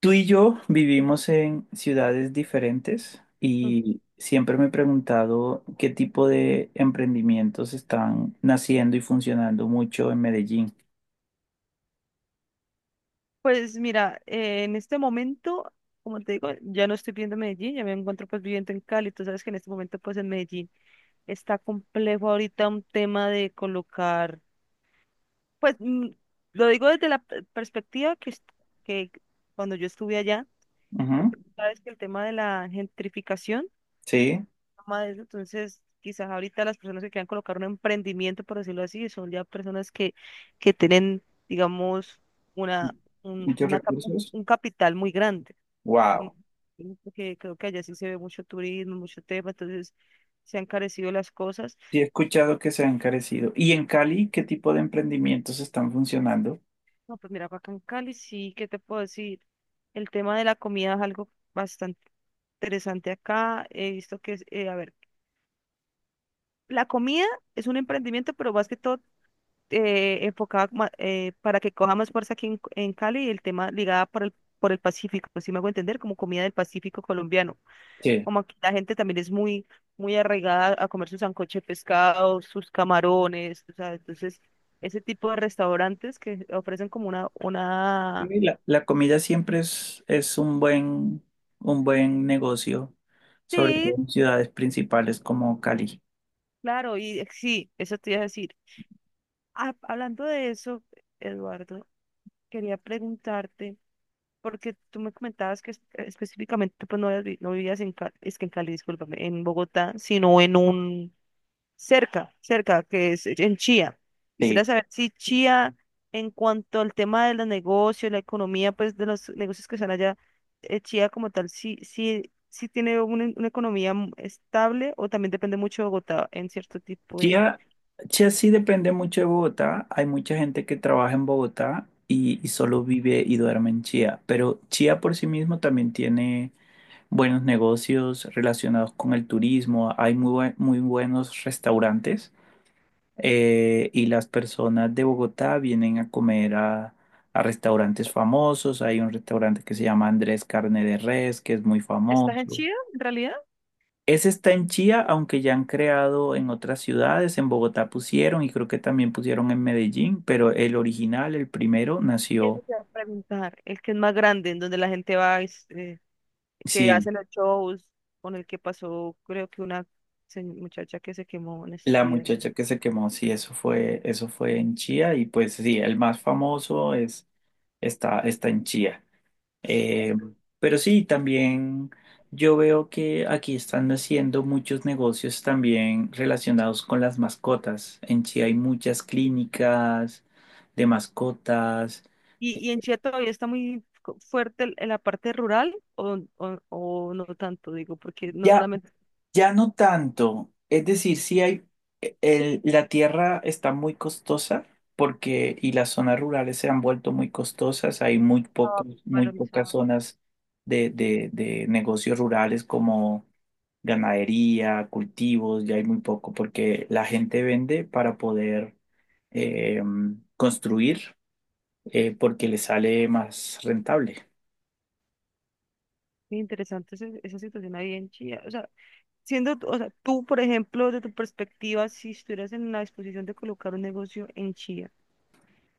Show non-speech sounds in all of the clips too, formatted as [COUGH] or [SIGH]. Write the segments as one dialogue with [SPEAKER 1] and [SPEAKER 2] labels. [SPEAKER 1] Tú y yo vivimos en ciudades diferentes
[SPEAKER 2] Mm.
[SPEAKER 1] y siempre me he preguntado qué tipo de emprendimientos están naciendo y funcionando mucho en Medellín.
[SPEAKER 2] Pues mira, en este momento, como te digo, ya no estoy viviendo en Medellín, ya me encuentro pues viviendo en Cali. Tú sabes que en este momento pues en Medellín está complejo ahorita un tema de colocar, pues lo digo desde la perspectiva que, que cuando yo estuve allá,
[SPEAKER 1] Ujú.
[SPEAKER 2] porque tú sabes que el tema de la gentrificación
[SPEAKER 1] Sí,
[SPEAKER 2] más de eso. Entonces, quizás ahorita las personas que quieran colocar un emprendimiento, por decirlo así, son ya personas que tienen, digamos, una, un,
[SPEAKER 1] muchos
[SPEAKER 2] una, cap-
[SPEAKER 1] recursos.
[SPEAKER 2] un capital muy grande. Ujú.
[SPEAKER 1] Wow.
[SPEAKER 2] Ujú. Porque creo que allá sí se ve mucho turismo, mucho tema, entonces se han carecido las cosas.
[SPEAKER 1] Sí, he escuchado que se han encarecido. ¿Y en Cali qué tipo de emprendimientos están funcionando?
[SPEAKER 2] No, pues mira, acá en Cali sí, ¿qué te puedo decir? El tema de la comida es algo bastante interesante acá. He visto que, es, a ver, la comida es un emprendimiento, pero más que todo enfocada para que coja más fuerza aquí en Cali el tema ligada por el Pacífico, si me hago entender, como comida del Pacífico colombiano.
[SPEAKER 1] Sí.
[SPEAKER 2] Como aquí la gente también es muy, muy arraigada a comer su sancocho de pescado, sus camarones, o sea, entonces ese tipo de restaurantes que ofrecen como
[SPEAKER 1] Sí,
[SPEAKER 2] una...
[SPEAKER 1] la comida siempre es un un buen negocio, sobre
[SPEAKER 2] Sí,
[SPEAKER 1] todo en ciudades principales como Cali.
[SPEAKER 2] claro, y sí, eso te iba a decir. Ah, hablando de eso, Eduardo, quería preguntarte. Porque tú me comentabas que específicamente pues no, no vivías en Cali, es que en Cali, discúlpame, en Bogotá, sino en un cerca, cerca, que es en Chía. Quisiera
[SPEAKER 1] Sí.
[SPEAKER 2] saber si Chía, en cuanto al tema de los negocios, la economía, pues de los negocios que están allá, Chía como tal, sí tiene una economía estable, o también depende mucho de Bogotá en cierto tipo de...
[SPEAKER 1] Chía, Chía sí depende mucho de Bogotá. Hay mucha gente que trabaja en Bogotá y solo vive y duerme en Chía. Pero Chía por sí mismo también tiene buenos negocios relacionados con el turismo. Hay muy buenos restaurantes y las personas de Bogotá vienen a comer a restaurantes famosos. Hay un restaurante que se llama Andrés Carne de Res, que es muy
[SPEAKER 2] ¿Estás en
[SPEAKER 1] famoso.
[SPEAKER 2] Chía, en realidad?
[SPEAKER 1] Ese está en Chía, aunque ya han creado en otras ciudades, en Bogotá pusieron y creo que también pusieron en Medellín, pero el original, el primero,
[SPEAKER 2] Eso
[SPEAKER 1] nació.
[SPEAKER 2] te iba a preguntar. El que es más grande, en donde la gente va, que
[SPEAKER 1] Sí,
[SPEAKER 2] hace los shows, con el que pasó, creo que muchacha que se quemó en estos
[SPEAKER 1] la
[SPEAKER 2] días.
[SPEAKER 1] muchacha que se quemó, sí, eso fue en Chía y pues sí, el más famoso está, está en Chía.
[SPEAKER 2] Eh,
[SPEAKER 1] Eh, pero sí, también yo veo que aquí están haciendo muchos negocios también relacionados con las mascotas. En Chía hay muchas clínicas de mascotas.
[SPEAKER 2] y en Chía todavía está muy fuerte en la parte rural, o no tanto, digo, porque no
[SPEAKER 1] Ya.
[SPEAKER 2] solamente
[SPEAKER 1] Ya no tanto. Es decir, sí hay, la tierra está muy costosa y las zonas rurales se han vuelto muy costosas. Hay
[SPEAKER 2] estaba
[SPEAKER 1] muy pocas
[SPEAKER 2] valorizado?
[SPEAKER 1] zonas de negocios rurales como ganadería, cultivos, ya hay muy poco porque la gente vende para poder eh, construir, porque le sale más rentable.
[SPEAKER 2] Muy interesante esa situación ahí en Chía. O sea, siendo, o sea, tú, por ejemplo, de tu perspectiva, si estuvieras en la disposición de colocar un negocio en Chía,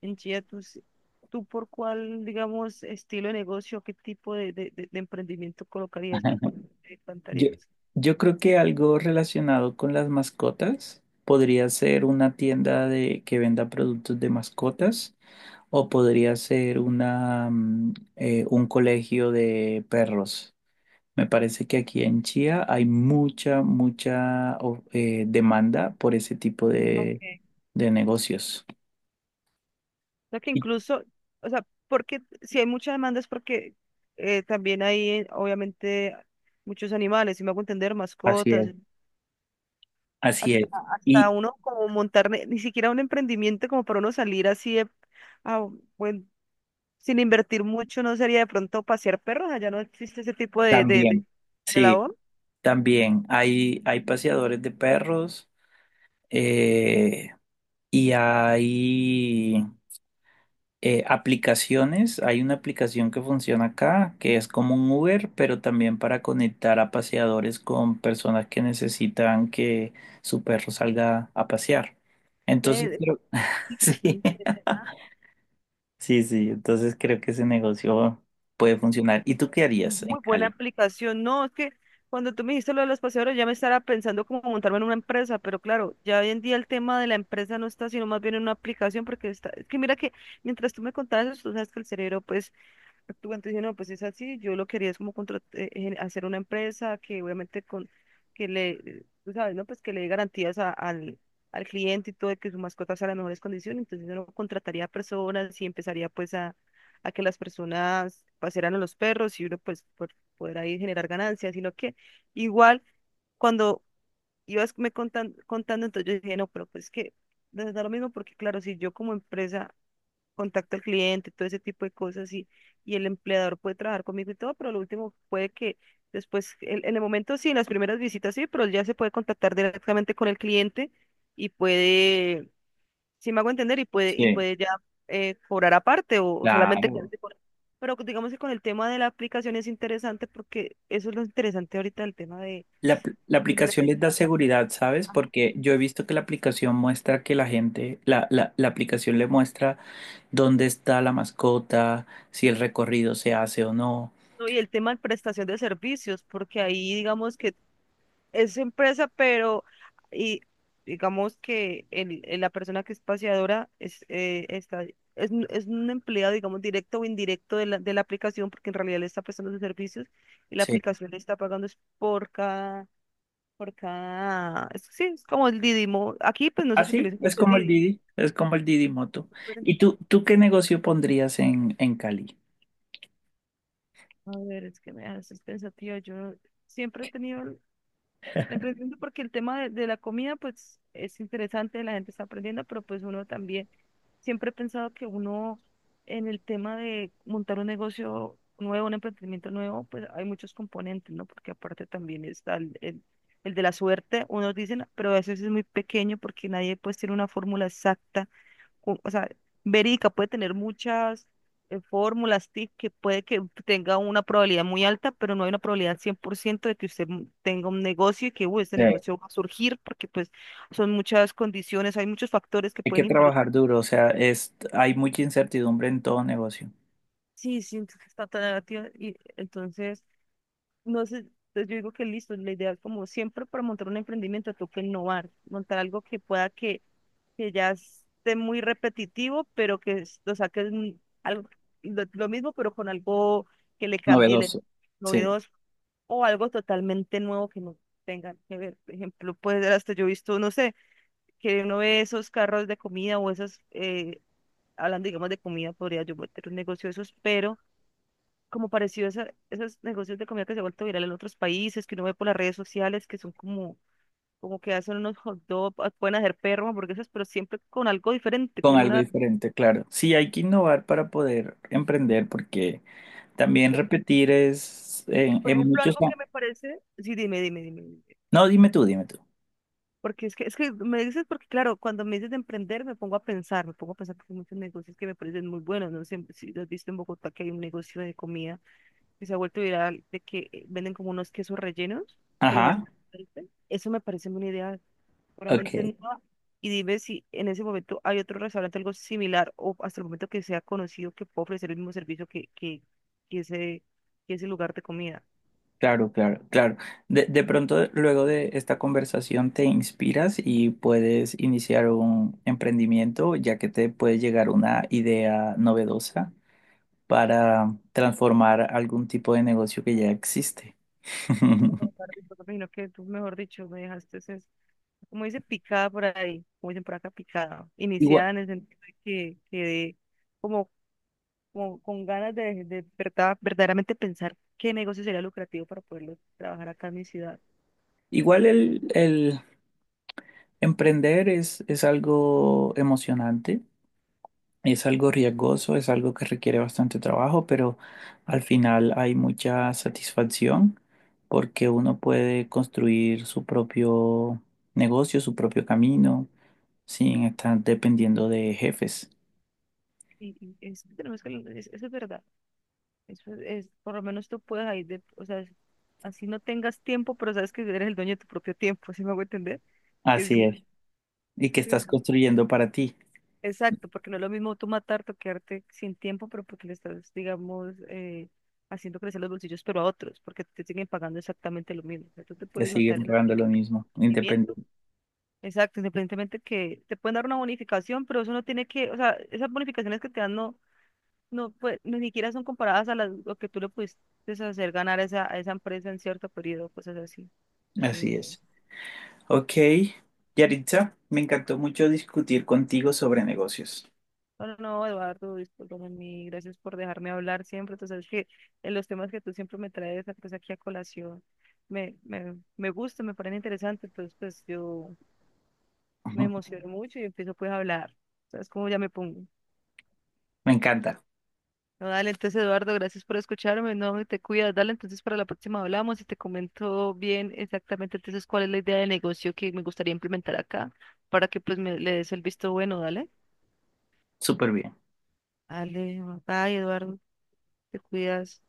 [SPEAKER 2] entiendo, tú por cuál, digamos, estilo de negocio, qué tipo de, de emprendimiento colocarías, por
[SPEAKER 1] [LAUGHS]
[SPEAKER 2] cuál te
[SPEAKER 1] Yo,
[SPEAKER 2] plantarías.
[SPEAKER 1] yo creo que algo relacionado con las mascotas podría ser una tienda de que venda productos de mascotas o podría ser un colegio de perros. Me parece que aquí en Chía hay mucha demanda por ese tipo
[SPEAKER 2] Okay.
[SPEAKER 1] de negocios.
[SPEAKER 2] Sea que
[SPEAKER 1] Y-
[SPEAKER 2] incluso, o sea, porque si hay mucha demanda es porque también hay, obviamente, muchos animales, si me hago entender,
[SPEAKER 1] Así
[SPEAKER 2] mascotas,
[SPEAKER 1] es, así
[SPEAKER 2] hasta,
[SPEAKER 1] es.
[SPEAKER 2] hasta
[SPEAKER 1] Y
[SPEAKER 2] uno como montar, ni siquiera un emprendimiento como para uno salir así de, ah, bueno, sin invertir mucho, no sería de pronto pasear perros, ¿allá no existe ese tipo de,
[SPEAKER 1] también,
[SPEAKER 2] de
[SPEAKER 1] sí,
[SPEAKER 2] labor?
[SPEAKER 1] también hay paseadores de perros. eh, Y hay aplicaciones, hay una aplicación que funciona acá, que es como un Uber, pero también para conectar a paseadores con personas que necesitan que su perro salga a pasear. Entonces, creo, [LAUGHS]
[SPEAKER 2] Aplicación
[SPEAKER 1] sí,
[SPEAKER 2] interesante.
[SPEAKER 1] sí, entonces creo que ese negocio puede funcionar. ¿Y tú qué harías en
[SPEAKER 2] Muy buena
[SPEAKER 1] Cali?
[SPEAKER 2] aplicación. No, es que cuando tú me dijiste lo de los paseadores, ya me estaba pensando como montarme en una empresa, pero claro, ya hoy en día el tema de la empresa no está, sino más bien en una aplicación, porque está, es que mira que mientras tú me contabas, eso, tú sabes que el cerebro, pues, actualmente dije, no, pues es así, yo lo quería es como hacer una empresa que obviamente con, que le, tú sabes, ¿no? Pues que le dé garantías al, al cliente y todo, de que su mascota sea en las mejores condiciones, entonces uno contrataría personas y empezaría pues a que las personas pasearan a los perros y uno pues por, poder ahí generar ganancias y lo que, igual cuando ibas me contando, entonces yo dije, no, pero pues que, no es lo mismo porque claro, si yo como empresa contacto al cliente, todo ese tipo de cosas y el empleador puede trabajar conmigo y todo, pero lo último puede que después, en el momento sí, en las primeras visitas sí, pero él ya se puede contactar directamente con el cliente y puede, si me hago entender, y
[SPEAKER 1] Sí,
[SPEAKER 2] puede ya cobrar aparte o solamente
[SPEAKER 1] claro.
[SPEAKER 2] quedarse con... Pero digamos que con el tema de la aplicación es interesante porque eso es lo interesante ahorita del tema
[SPEAKER 1] La
[SPEAKER 2] de
[SPEAKER 1] aplicación
[SPEAKER 2] emprender.
[SPEAKER 1] les da seguridad, ¿sabes?
[SPEAKER 2] Ah,
[SPEAKER 1] Porque yo he visto que la aplicación muestra que la gente, la, la la aplicación le muestra dónde está la mascota, si el recorrido se hace o no.
[SPEAKER 2] no. Y el tema de prestación de servicios, porque ahí digamos que es su empresa, pero y digamos que la persona que es paseadora es, está, es, es un empleado, digamos, directo o indirecto de la aplicación, porque en realidad le está prestando sus servicios y la
[SPEAKER 1] Sí.
[SPEAKER 2] aplicación le está pagando es por cada, sí, es como el Didimo. Aquí pues no se
[SPEAKER 1] Así
[SPEAKER 2] utiliza
[SPEAKER 1] es
[SPEAKER 2] mucho el
[SPEAKER 1] como el
[SPEAKER 2] Didi.
[SPEAKER 1] Didi, es como el Didi Moto.
[SPEAKER 2] Pero,
[SPEAKER 1] Tú qué negocio pondrías en Cali?
[SPEAKER 2] a ver, es que me haces pensativa. Yo siempre he tenido emprendiendo porque el tema de la comida, pues es interesante, la gente está aprendiendo, pero pues uno también, siempre he pensado que uno en el tema de montar un negocio nuevo, un emprendimiento nuevo, pues hay muchos componentes, ¿no? Porque aparte también está el de la suerte, unos dicen, pero a veces es muy pequeño porque nadie pues tiene una fórmula exacta o sea, verídica, puede tener muchas fórmulas, tips, que puede que tenga una probabilidad muy alta, pero no hay una probabilidad 100% de que usted tenga un negocio y que uy, este
[SPEAKER 1] Sí.
[SPEAKER 2] negocio va a surgir, porque pues son muchas condiciones, hay muchos factores que
[SPEAKER 1] Hay que
[SPEAKER 2] pueden influir.
[SPEAKER 1] trabajar duro, o sea, es, hay mucha incertidumbre en todo negocio.
[SPEAKER 2] Sí, sí, entonces está tan negativa y entonces, no sé, entonces yo digo que listo, la idea es como siempre para montar un emprendimiento toca innovar, montar algo que pueda que ya esté muy repetitivo, pero que lo saques algo, lo mismo, pero con algo que le cambie
[SPEAKER 1] Novedoso. Sí,
[SPEAKER 2] novedoso, o algo totalmente nuevo que no tengan que ver. Por ejemplo, puede ser hasta yo he visto, no sé, que uno ve esos carros de comida o esos, hablando digamos de comida, podría yo meter un negocio de esos, pero como parecido a esos negocios de comida que se ha vuelto viral en otros países, que uno ve por las redes sociales, que son como como que hacen unos hot dogs, pueden hacer perro, hamburguesas, pero siempre con algo diferente,
[SPEAKER 1] con
[SPEAKER 2] con
[SPEAKER 1] algo
[SPEAKER 2] una
[SPEAKER 1] diferente, claro. Sí, hay que innovar para poder emprender, porque también
[SPEAKER 2] sí,
[SPEAKER 1] repetir es
[SPEAKER 2] por
[SPEAKER 1] en
[SPEAKER 2] ejemplo,
[SPEAKER 1] muchos...
[SPEAKER 2] algo que me parece, sí, dime, dime, dime, dime.
[SPEAKER 1] No, dime tú, dime tú.
[SPEAKER 2] Porque es que me dices, porque claro, cuando me dices de emprender, me pongo a pensar, me pongo a pensar porque hay muchos negocios que me parecen muy buenos, no sé si lo has visto en Bogotá, que hay un negocio de comida que se ha vuelto viral, de que venden como unos quesos rellenos, que los hacen,
[SPEAKER 1] Ajá,
[SPEAKER 2] frito. Eso me parece una idea,
[SPEAKER 1] ok.
[SPEAKER 2] seguramente no, y dime si en ese momento hay otro restaurante, algo similar, o hasta el momento que sea conocido, que pueda ofrecer el mismo servicio que ese, que ese lugar de comida.
[SPEAKER 1] Claro, claro, claro. De pronto, luego de esta conversación, te inspiras y puedes iniciar un emprendimiento, ya que te puede llegar una idea novedosa para transformar algún tipo de negocio que ya existe.
[SPEAKER 2] No,
[SPEAKER 1] [LAUGHS]
[SPEAKER 2] Barbie, me imagino que tú, mejor dicho, me dejaste, como dice, picada por ahí, como dicen por acá, picada,
[SPEAKER 1] Igual,
[SPEAKER 2] iniciada en el sentido de que quedé como, como con ganas de, verdaderamente pensar qué negocio sería lucrativo para poderlo trabajar acá en mi ciudad.
[SPEAKER 1] igual el emprender es algo emocionante. Es algo riesgoso, es algo que requiere bastante trabajo, pero al final hay mucha satisfacción porque uno puede construir su propio negocio, su propio camino, sin estar dependiendo de jefes.
[SPEAKER 2] Y es que tenemos que, eso es verdad, eso es, por lo menos tú puedes ahí, de, o sea, así no tengas tiempo, pero sabes que eres el dueño de tu propio tiempo, ¿sí me hago entender? Que
[SPEAKER 1] Así
[SPEAKER 2] sí.
[SPEAKER 1] es. Y que estás construyendo para ti.
[SPEAKER 2] Exacto, porque no es lo mismo tú matar, toquearte sin tiempo, pero porque le estás, digamos, haciendo crecer los bolsillos, pero a otros, porque te siguen pagando exactamente lo mismo. O sea, tú te
[SPEAKER 1] Te
[SPEAKER 2] puedes matar
[SPEAKER 1] siguen
[SPEAKER 2] en el
[SPEAKER 1] pagando lo mismo,
[SPEAKER 2] rendimiento.
[SPEAKER 1] independiente.
[SPEAKER 2] Exacto, independientemente que te pueden dar una bonificación, pero eso no tiene que, o sea, esas bonificaciones que te dan no, no, pues, ni siquiera son comparadas a las, lo que tú le pudiste hacer ganar a esa empresa en cierto periodo, cosas así. Entonces,
[SPEAKER 1] Así
[SPEAKER 2] no.
[SPEAKER 1] es. Ok, Yaritza, me encantó mucho discutir contigo sobre negocios.
[SPEAKER 2] No, no, no, Eduardo, discúlpame, mi, gracias por dejarme hablar siempre. Tú sabes que en los temas que tú siempre me traes pues, aquí a colación, me gusta, me parece interesante entonces pues yo me
[SPEAKER 1] Ujú.
[SPEAKER 2] emociono mucho y empiezo pues a hablar. ¿Sabes cómo ya me pongo?
[SPEAKER 1] Me encanta.
[SPEAKER 2] No, dale, entonces Eduardo, gracias por escucharme, no, te cuidas, dale, entonces para la próxima hablamos y te comento bien exactamente entonces cuál es la idea de negocio que me gustaría implementar acá para que pues me le des el visto bueno, dale.
[SPEAKER 1] Súper bien.
[SPEAKER 2] Dale, bye Eduardo, te cuidas.